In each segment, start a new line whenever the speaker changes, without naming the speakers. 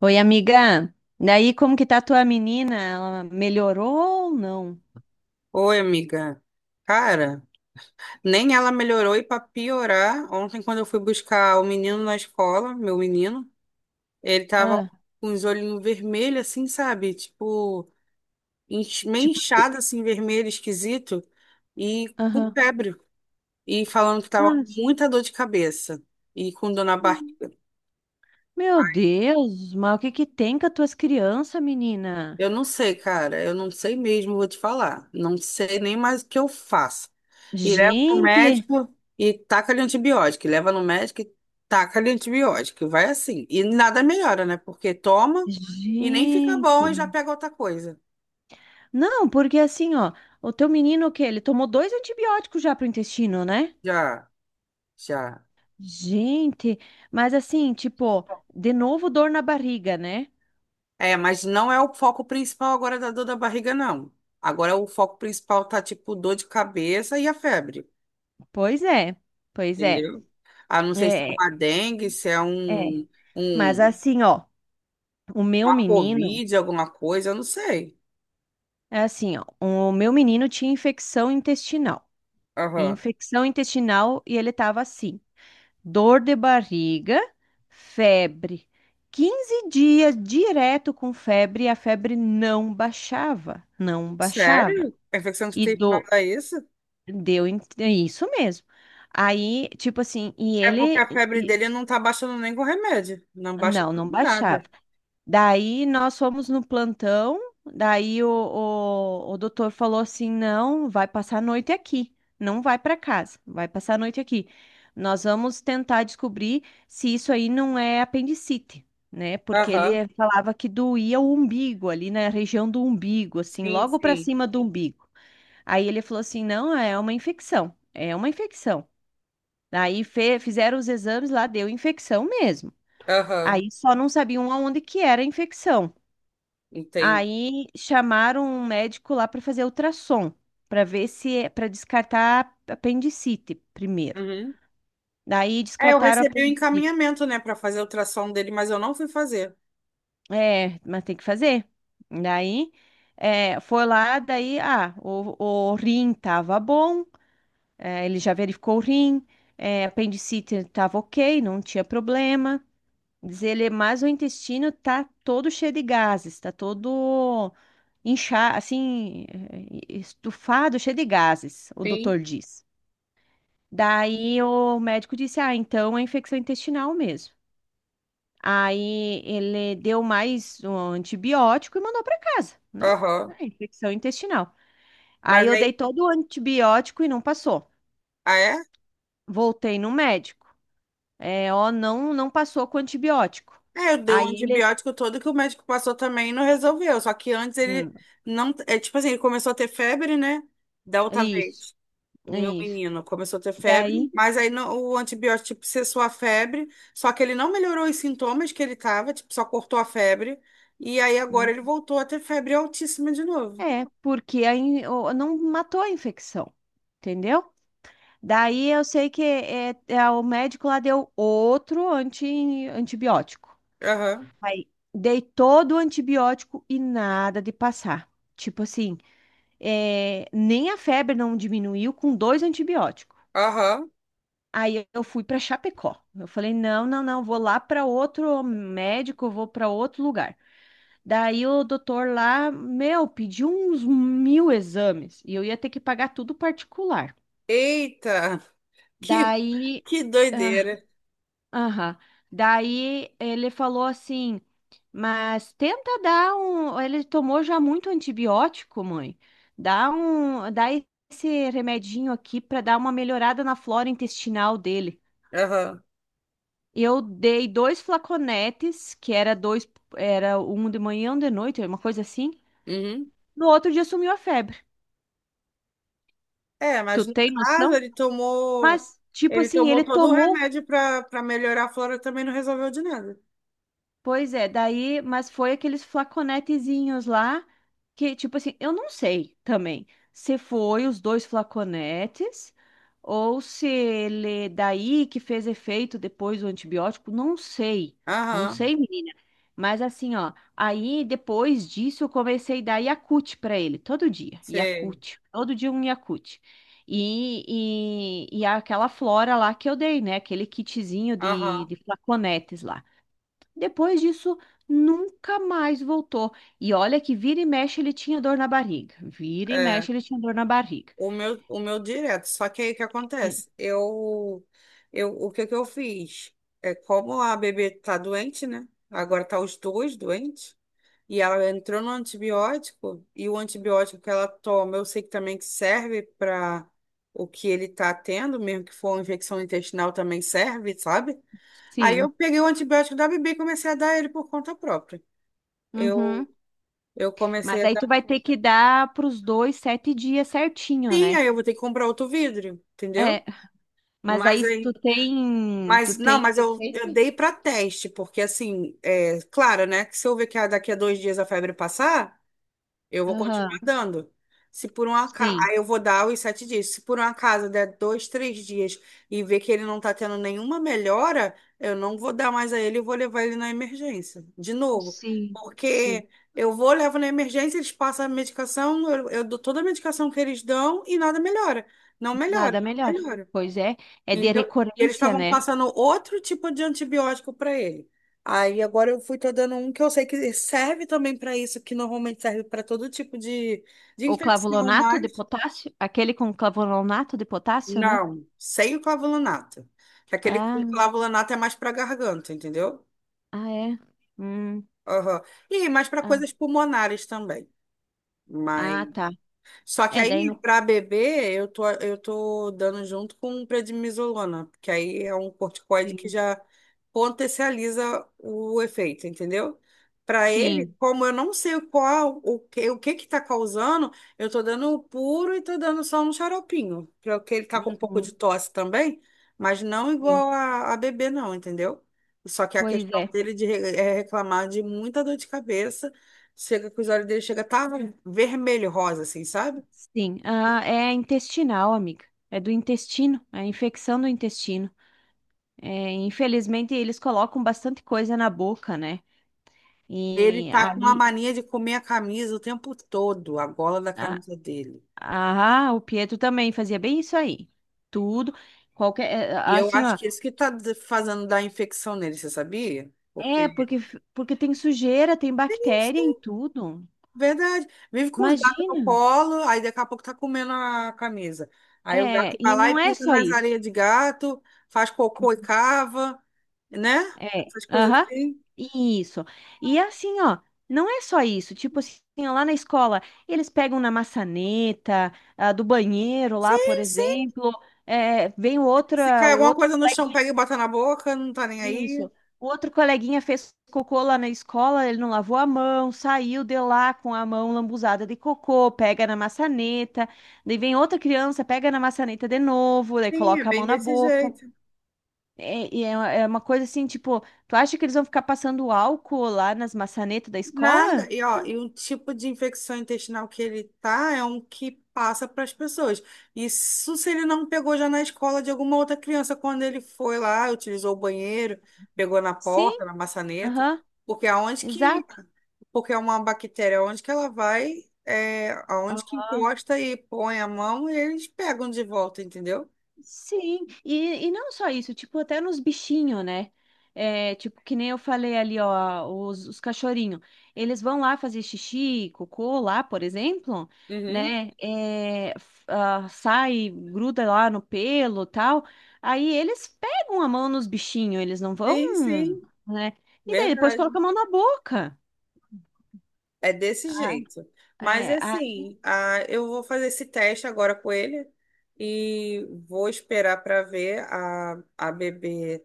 Oi, amiga. Daí, como que tá a tua menina? Ela melhorou ou não?
Oi, amiga. Cara, nem ela melhorou e pra piorar, ontem quando eu fui buscar o menino na escola, meu menino, ele tava
Ah,
com os olhinhos vermelhos assim, sabe? Tipo, meio
tipo,
inchado assim, vermelho, esquisito, e com
aham.
febre, e falando que tava com
Mas,
muita dor de cabeça e com dor na barriga.
meu Deus, mas o que que tem com as tuas crianças, menina?
Eu não sei, cara, eu não sei mesmo, vou te falar. Não sei nem mais o que eu faço. E leva pro
Gente,
médico e taca-lhe antibiótico. E leva no médico e taca-lhe antibiótico. E vai assim. E nada melhora, né? Porque toma e nem fica bom e
gente.
já pega outra coisa.
Não, porque assim, ó, o teu menino o quê? Ele tomou dois antibióticos já pro intestino, né?
Já, já.
Gente, mas assim, tipo, de novo dor na barriga, né?
É, mas não é o foco principal agora da dor da barriga, não. Agora o foco principal tá tipo dor de cabeça e a febre,
Pois é, pois é.
entendeu? Ah, não sei se é
É,
uma dengue, se é
é. Mas
um,
assim, ó. O meu
uma
menino,
covid, alguma coisa, eu não sei.
é assim, ó, o meu menino tinha infecção intestinal. E
Aham.
infecção intestinal e ele tava assim, dor de barriga, febre. 15 dias direto com febre e a febre não baixava, não baixava.
Sério? A infecção
E
intestinal
do,
dá isso?
é isso mesmo. Aí, tipo assim, e
É porque
ele
a febre
e-
dele não tá baixando nem com remédio. Não baixa
não,
com
não baixava.
nada.
Daí nós fomos no plantão, daí o doutor falou assim: não, vai passar a noite aqui, não vai para casa, vai passar a noite aqui. Nós vamos tentar descobrir se isso aí não é apendicite, né? Porque
Aham.
ele falava que doía o umbigo, ali na região do umbigo, assim,
Sim,
logo para
sim.
cima do umbigo. Aí ele falou assim: não, é uma infecção, é uma infecção. Daí fizeram os exames lá, deu infecção mesmo.
Aham.
Aí só não sabiam aonde que era a infecção.
Entendo.
Aí chamaram um médico lá para fazer ultrassom, para ver se é para descartar apendicite primeiro.
Uhum.
Daí
É, eu
descartaram a
recebi o
apendicite.
encaminhamento, né, pra fazer o ultrassom dele, mas eu não fui fazer.
É, mas tem que fazer. Daí é, foi lá, daí ah, o rim tava bom, é, ele já verificou o rim, é, apendicite tava ok, não tinha problema. Diz ele, mas o intestino tá todo cheio de gases, tá todo inchado, assim, estufado, cheio de gases, o
Sim.
doutor diz. Daí o médico disse: Ah, então é infecção intestinal mesmo. Aí ele deu mais um antibiótico e mandou para casa, né?
Aham.
É infecção intestinal. Aí
Mas
eu dei
aí.
todo o antibiótico e não passou.
Ah, é?
Voltei no médico. É, ó, não, não passou com antibiótico.
É, eu dei o
Aí ele.
antibiótico todo que o médico passou também e não resolveu. Só que antes ele
hum,
não. É tipo assim, ele começou a ter febre, né? Da outra
isso.
vez. O meu
Isso.
menino começou a ter febre,
Daí
mas aí o antibiótico tipo, cessou a febre, só que ele não melhorou os sintomas que ele tava, tipo, só cortou a febre, e aí agora ele
hum,
voltou a ter febre altíssima de novo.
é, porque não matou a infecção, entendeu? Daí eu sei que o médico lá deu outro antibiótico.
Aham,
Aí dei todo o antibiótico e nada de passar. Tipo assim, é, nem a febre não diminuiu com dois antibióticos.
aham.
Aí eu fui para Chapecó. Eu falei: não, não, não, vou lá para outro médico, vou para outro lugar. Daí o doutor lá, meu, pediu uns mil exames e eu ia ter que pagar tudo particular.
Eita, que,
Daí,
que
ah,
doideira.
aham. Daí ele falou assim, mas tenta dar um. Ele tomou já muito antibiótico, mãe. Dá um, dá esse remedinho aqui para dar uma melhorada na flora intestinal dele.
Aham.
Eu dei dois flaconetes, que era dois, era um de manhã, um de noite, uma coisa assim.
Uhum.
No outro dia sumiu a febre.
É,
Tu
mas no
tem
caso
noção? Mas, tipo
ele
assim,
tomou
ele
todo o
tomou.
remédio para melhorar a flora, também não resolveu de nada.
Pois é, daí, mas foi aqueles flaconetezinhos lá que, tipo assim, eu não sei também se foi os dois flaconetes ou se ele daí que fez efeito depois o antibiótico, não sei. Não
Aham,
sei, menina. Mas assim, ó, aí depois disso eu comecei a dar Yakult pra ele todo dia,
sei.
Yakult, todo dia um Yakult. E, e aquela flora lá que eu dei, né? Aquele kitzinho
Aham.
de flaconetes lá. Depois disso, nunca mais voltou. E olha que vira e mexe ele tinha dor na barriga. Vira e
É.
mexe ele tinha dor na barriga.
O meu direto. Só que aí o que
É.
acontece? O que que eu fiz? É como a bebê tá doente, né? Agora tá os dois doentes. E ela entrou no antibiótico. E o antibiótico que ela toma, eu sei que também que serve para o que ele tá tendo, mesmo que for uma infecção intestinal, também serve, sabe? Aí eu
Sim.
peguei o antibiótico da bebê e comecei a dar ele por conta própria. Eu,
Uhum.
eu
Mas
comecei a
aí
dar.
tu vai ter que dar para os dois sete dias certinho,
Sim,
né?
aí eu vou ter que comprar outro vidro, entendeu?
É. Mas
Mas
aí se tu
aí.
tem, tu
Mas não,
tem
eu
receita?
dei para teste, porque assim, é claro, né? Que se eu ver que daqui a 2 dias a febre passar, eu vou continuar
Aham.
dando. Se por um acaso,
Sim,
aí eu vou dar os 7 dias. Se por um acaso der 2, 3 dias e ver que ele não tá tendo nenhuma melhora, eu não vou dar mais a ele e vou levar ele na emergência, de novo.
sim, sim.
Porque eu vou, levo na emergência, eles passam a medicação, eu dou toda a medicação que eles dão e nada melhora. Não melhora,
Nada
não
melhor.
melhora.
Pois é, é de
Então, e eles
recorrência,
estavam
né?
passando outro tipo de antibiótico para ele. Aí agora eu fui tô dando um que eu sei que serve também para isso, que normalmente serve para todo tipo de
O
infecção,
clavulonato de
mas
potássio, aquele com clavulonato de potássio, né?
não, sem o clavulanato. Aquele com
Ah,
clavulanato é mais para garganta, entendeu?
ah, é. Hum.
Aham. E mais para
Ah,
coisas pulmonares também. Mas.
ah, tá.
Só que
É, daí
aí,
no.
para beber, eu tô dando junto com prednisolona, porque aí é um corticoide que
Sim.
já potencializa o efeito, entendeu? Para ele,
Sim.
como eu não sei qual, o que que tá causando, eu tô dando o puro e tô dando só um xaropinho, porque ele tá com um pouco de
Uhum,
tosse também, mas não
sim.
igual a bebê, não, entendeu? Só que a
Pois
questão
é.
dele de é reclamar de muita dor de cabeça, chega que os olhos dele chega a tá vermelho, rosa, assim, sabe?
Sim. Ah, é intestinal, amiga. É do intestino. É a infecção do intestino. É, infelizmente, eles colocam bastante coisa na boca, né?
Ele
E
tá com uma
aí.
mania de comer a camisa o tempo todo, a gola da
a-
camisa dele.
Ah, o Pietro também fazia bem isso aí. Tudo. Qualquer. É,
E eu
Assim,
acho
ó.
que é isso que tá fazendo dar infecção nele, você sabia?
É,
Porque
porque, porque tem sujeira, tem
tem isso,
bactéria em
né?
tudo.
Verdade. Vive com os gatos no
Imagina.
colo, aí daqui a pouco tá comendo a camisa. Aí o
É,
gato vai
e
lá
não
e
é
pisa
só
nas
isso.
areias de gato, faz cocô e cava, né?
É,
Essas coisas
aham,
assim.
isso. E assim, ó, não é só isso. Tipo assim, ó, lá na escola, eles pegam na maçaneta, ah, do banheiro lá, por
Sim, sim.
exemplo, é, vem
Se
outra,
cai
o
alguma
outro,
coisa no chão, pega e bota na boca, não tá nem aí.
isso. O outro coleguinha fez cocô lá na escola, ele não lavou a mão, saiu de lá com a mão lambuzada de cocô, pega na maçaneta, daí vem outra criança, pega na maçaneta de novo, daí
Sim, é
coloca a
bem
mão na
desse
boca.
jeito.
É, e é uma coisa assim, tipo, tu acha que eles vão ficar passando álcool lá nas maçanetas da
Nada.
escola?
E, ó, e o tipo de infecção intestinal que ele tá é um que passa para as pessoas. Isso se ele não pegou já na escola de alguma outra criança quando ele foi lá, utilizou o banheiro, pegou na
Sim.
porta, na maçaneta,
Aham,
porque aonde que,
exato.
porque é uma bactéria, aonde que ela vai, é, aonde que encosta e põe a mão, eles pegam de volta, entendeu?
Sim, e não só isso, tipo, até nos bichinhos, né? É, tipo, que nem eu falei ali, ó, os cachorrinhos. Eles vão lá fazer xixi, cocô lá, por exemplo,
Uhum.
né? É, ah, sai, gruda lá no pelo tal. Aí eles pegam a mão nos bichinhos, eles não vão,
Sim, sim,
né? E daí depois
verdade.
colocam a mão na boca.
É desse
Ah,
jeito. Mas
é, ai,
assim, ah, eu vou fazer esse teste agora com ele e vou esperar para ver a bebê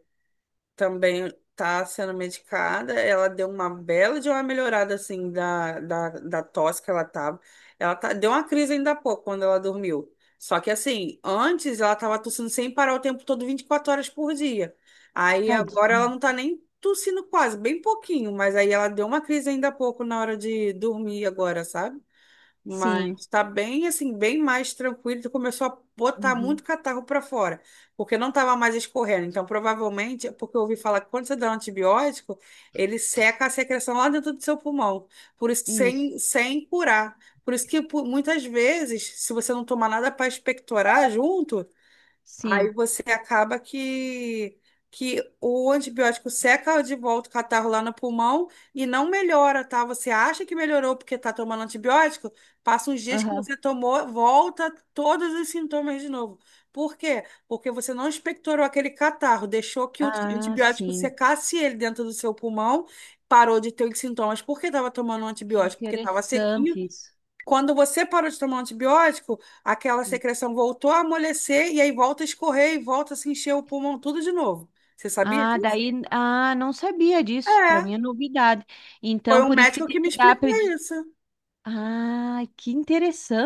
também tá sendo medicada. Ela deu uma bela de uma melhorada, assim, da tosse que ela tava. Ela tá, deu uma crise ainda há pouco, quando ela dormiu. Só que, assim, antes ela tava tossindo sem parar o tempo todo, 24 horas por dia. Aí agora ela
tadinho.
não tá nem tossindo quase, bem pouquinho. Mas aí ela deu uma crise ainda há pouco na hora de dormir agora, sabe?
Sim.
Mas tá bem assim, bem mais tranquilo. Tu começou a botar muito
Uhum.
catarro para fora, porque não tava mais escorrendo. Então, provavelmente, é porque eu ouvi falar que quando você dá um antibiótico, ele seca a secreção lá dentro do seu pulmão, por isso que
Isso.
sem curar. Por isso que muitas vezes, se você não tomar nada para expectorar junto, aí
Sim.
você acaba que o antibiótico seca de volta o catarro lá no pulmão e não melhora, tá? Você acha que melhorou porque tá tomando antibiótico, passa uns dias que
Aham.
você tomou, volta todos os sintomas de novo. Por quê? Porque você não expectorou aquele catarro, deixou que o
Ah,
antibiótico
sim.
secasse ele dentro do seu pulmão, parou de ter os sintomas porque estava tomando um
Que
antibiótico, porque estava sequinho
interessante isso.
quando você parou de tomar um antibiótico, aquela secreção voltou a amolecer e aí volta a escorrer e volta a se encher o pulmão tudo de novo. Você sabia
Ah,
disso?
daí, ah, não sabia disso. Para
É,
mim é novidade.
foi
Então,
um
por isso que
médico que
tem
me
que dar
explicou
predi...
isso.
Ah, que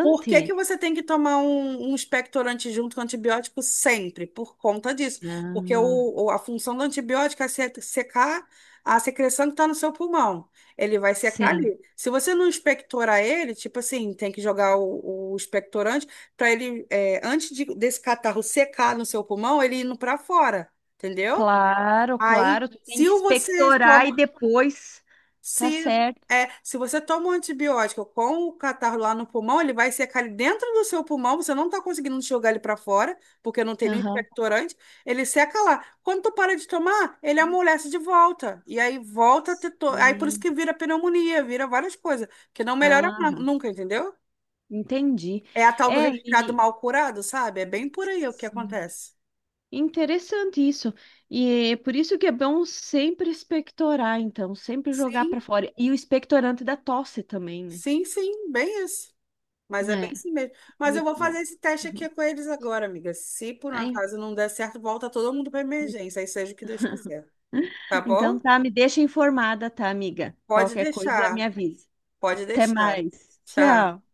Por que que você tem que tomar um expectorante junto com antibiótico sempre? Por conta disso. Porque
Ah,
a função do antibiótico é secar a secreção que está no seu pulmão. Ele vai secar
sim.
ali. Se você não expectorar ele, tipo assim, tem que jogar o expectorante para ele, é, desse catarro secar no seu pulmão, ele indo para fora, entendeu?
Claro,
Aí,
claro, tu tem
se
que
você
expectorar e
toma.
depois, tá
Se,
certo.
se você toma um antibiótico com o catarro lá no pulmão, ele vai secar ali dentro do seu pulmão, você não está conseguindo jogar ele para fora, porque não tem nenhum
Aham.
expectorante, ele seca lá. Quando tu para de tomar, ele amolece de volta. E aí volta a ter. Aí por isso
Sim.
que vira pneumonia, vira várias coisas, que não melhora
Aham.
nunca, entendeu?
Entendi.
É a tal do
É,
resfriado
e
mal curado, sabe? É bem por aí o que acontece.
interessante isso. E é por isso que é bom sempre expectorar, então, sempre jogar
Sim,
para fora. E o expectorante da tosse também, né?
sim, sim, bem isso. Mas é bem
É.
assim mesmo. Mas
E, é
eu vou
bom,
fazer esse teste aqui com eles agora, amiga. Se por um
aí-
acaso não der certo, volta todo mundo para emergência, aí seja o que Deus quiser. Tá
Então
bom?
tá, me deixa informada, tá, amiga?
Pode
Qualquer coisa, me
deixar.
avisa.
Pode
Até
deixar.
mais.
Tchau.
Tchau.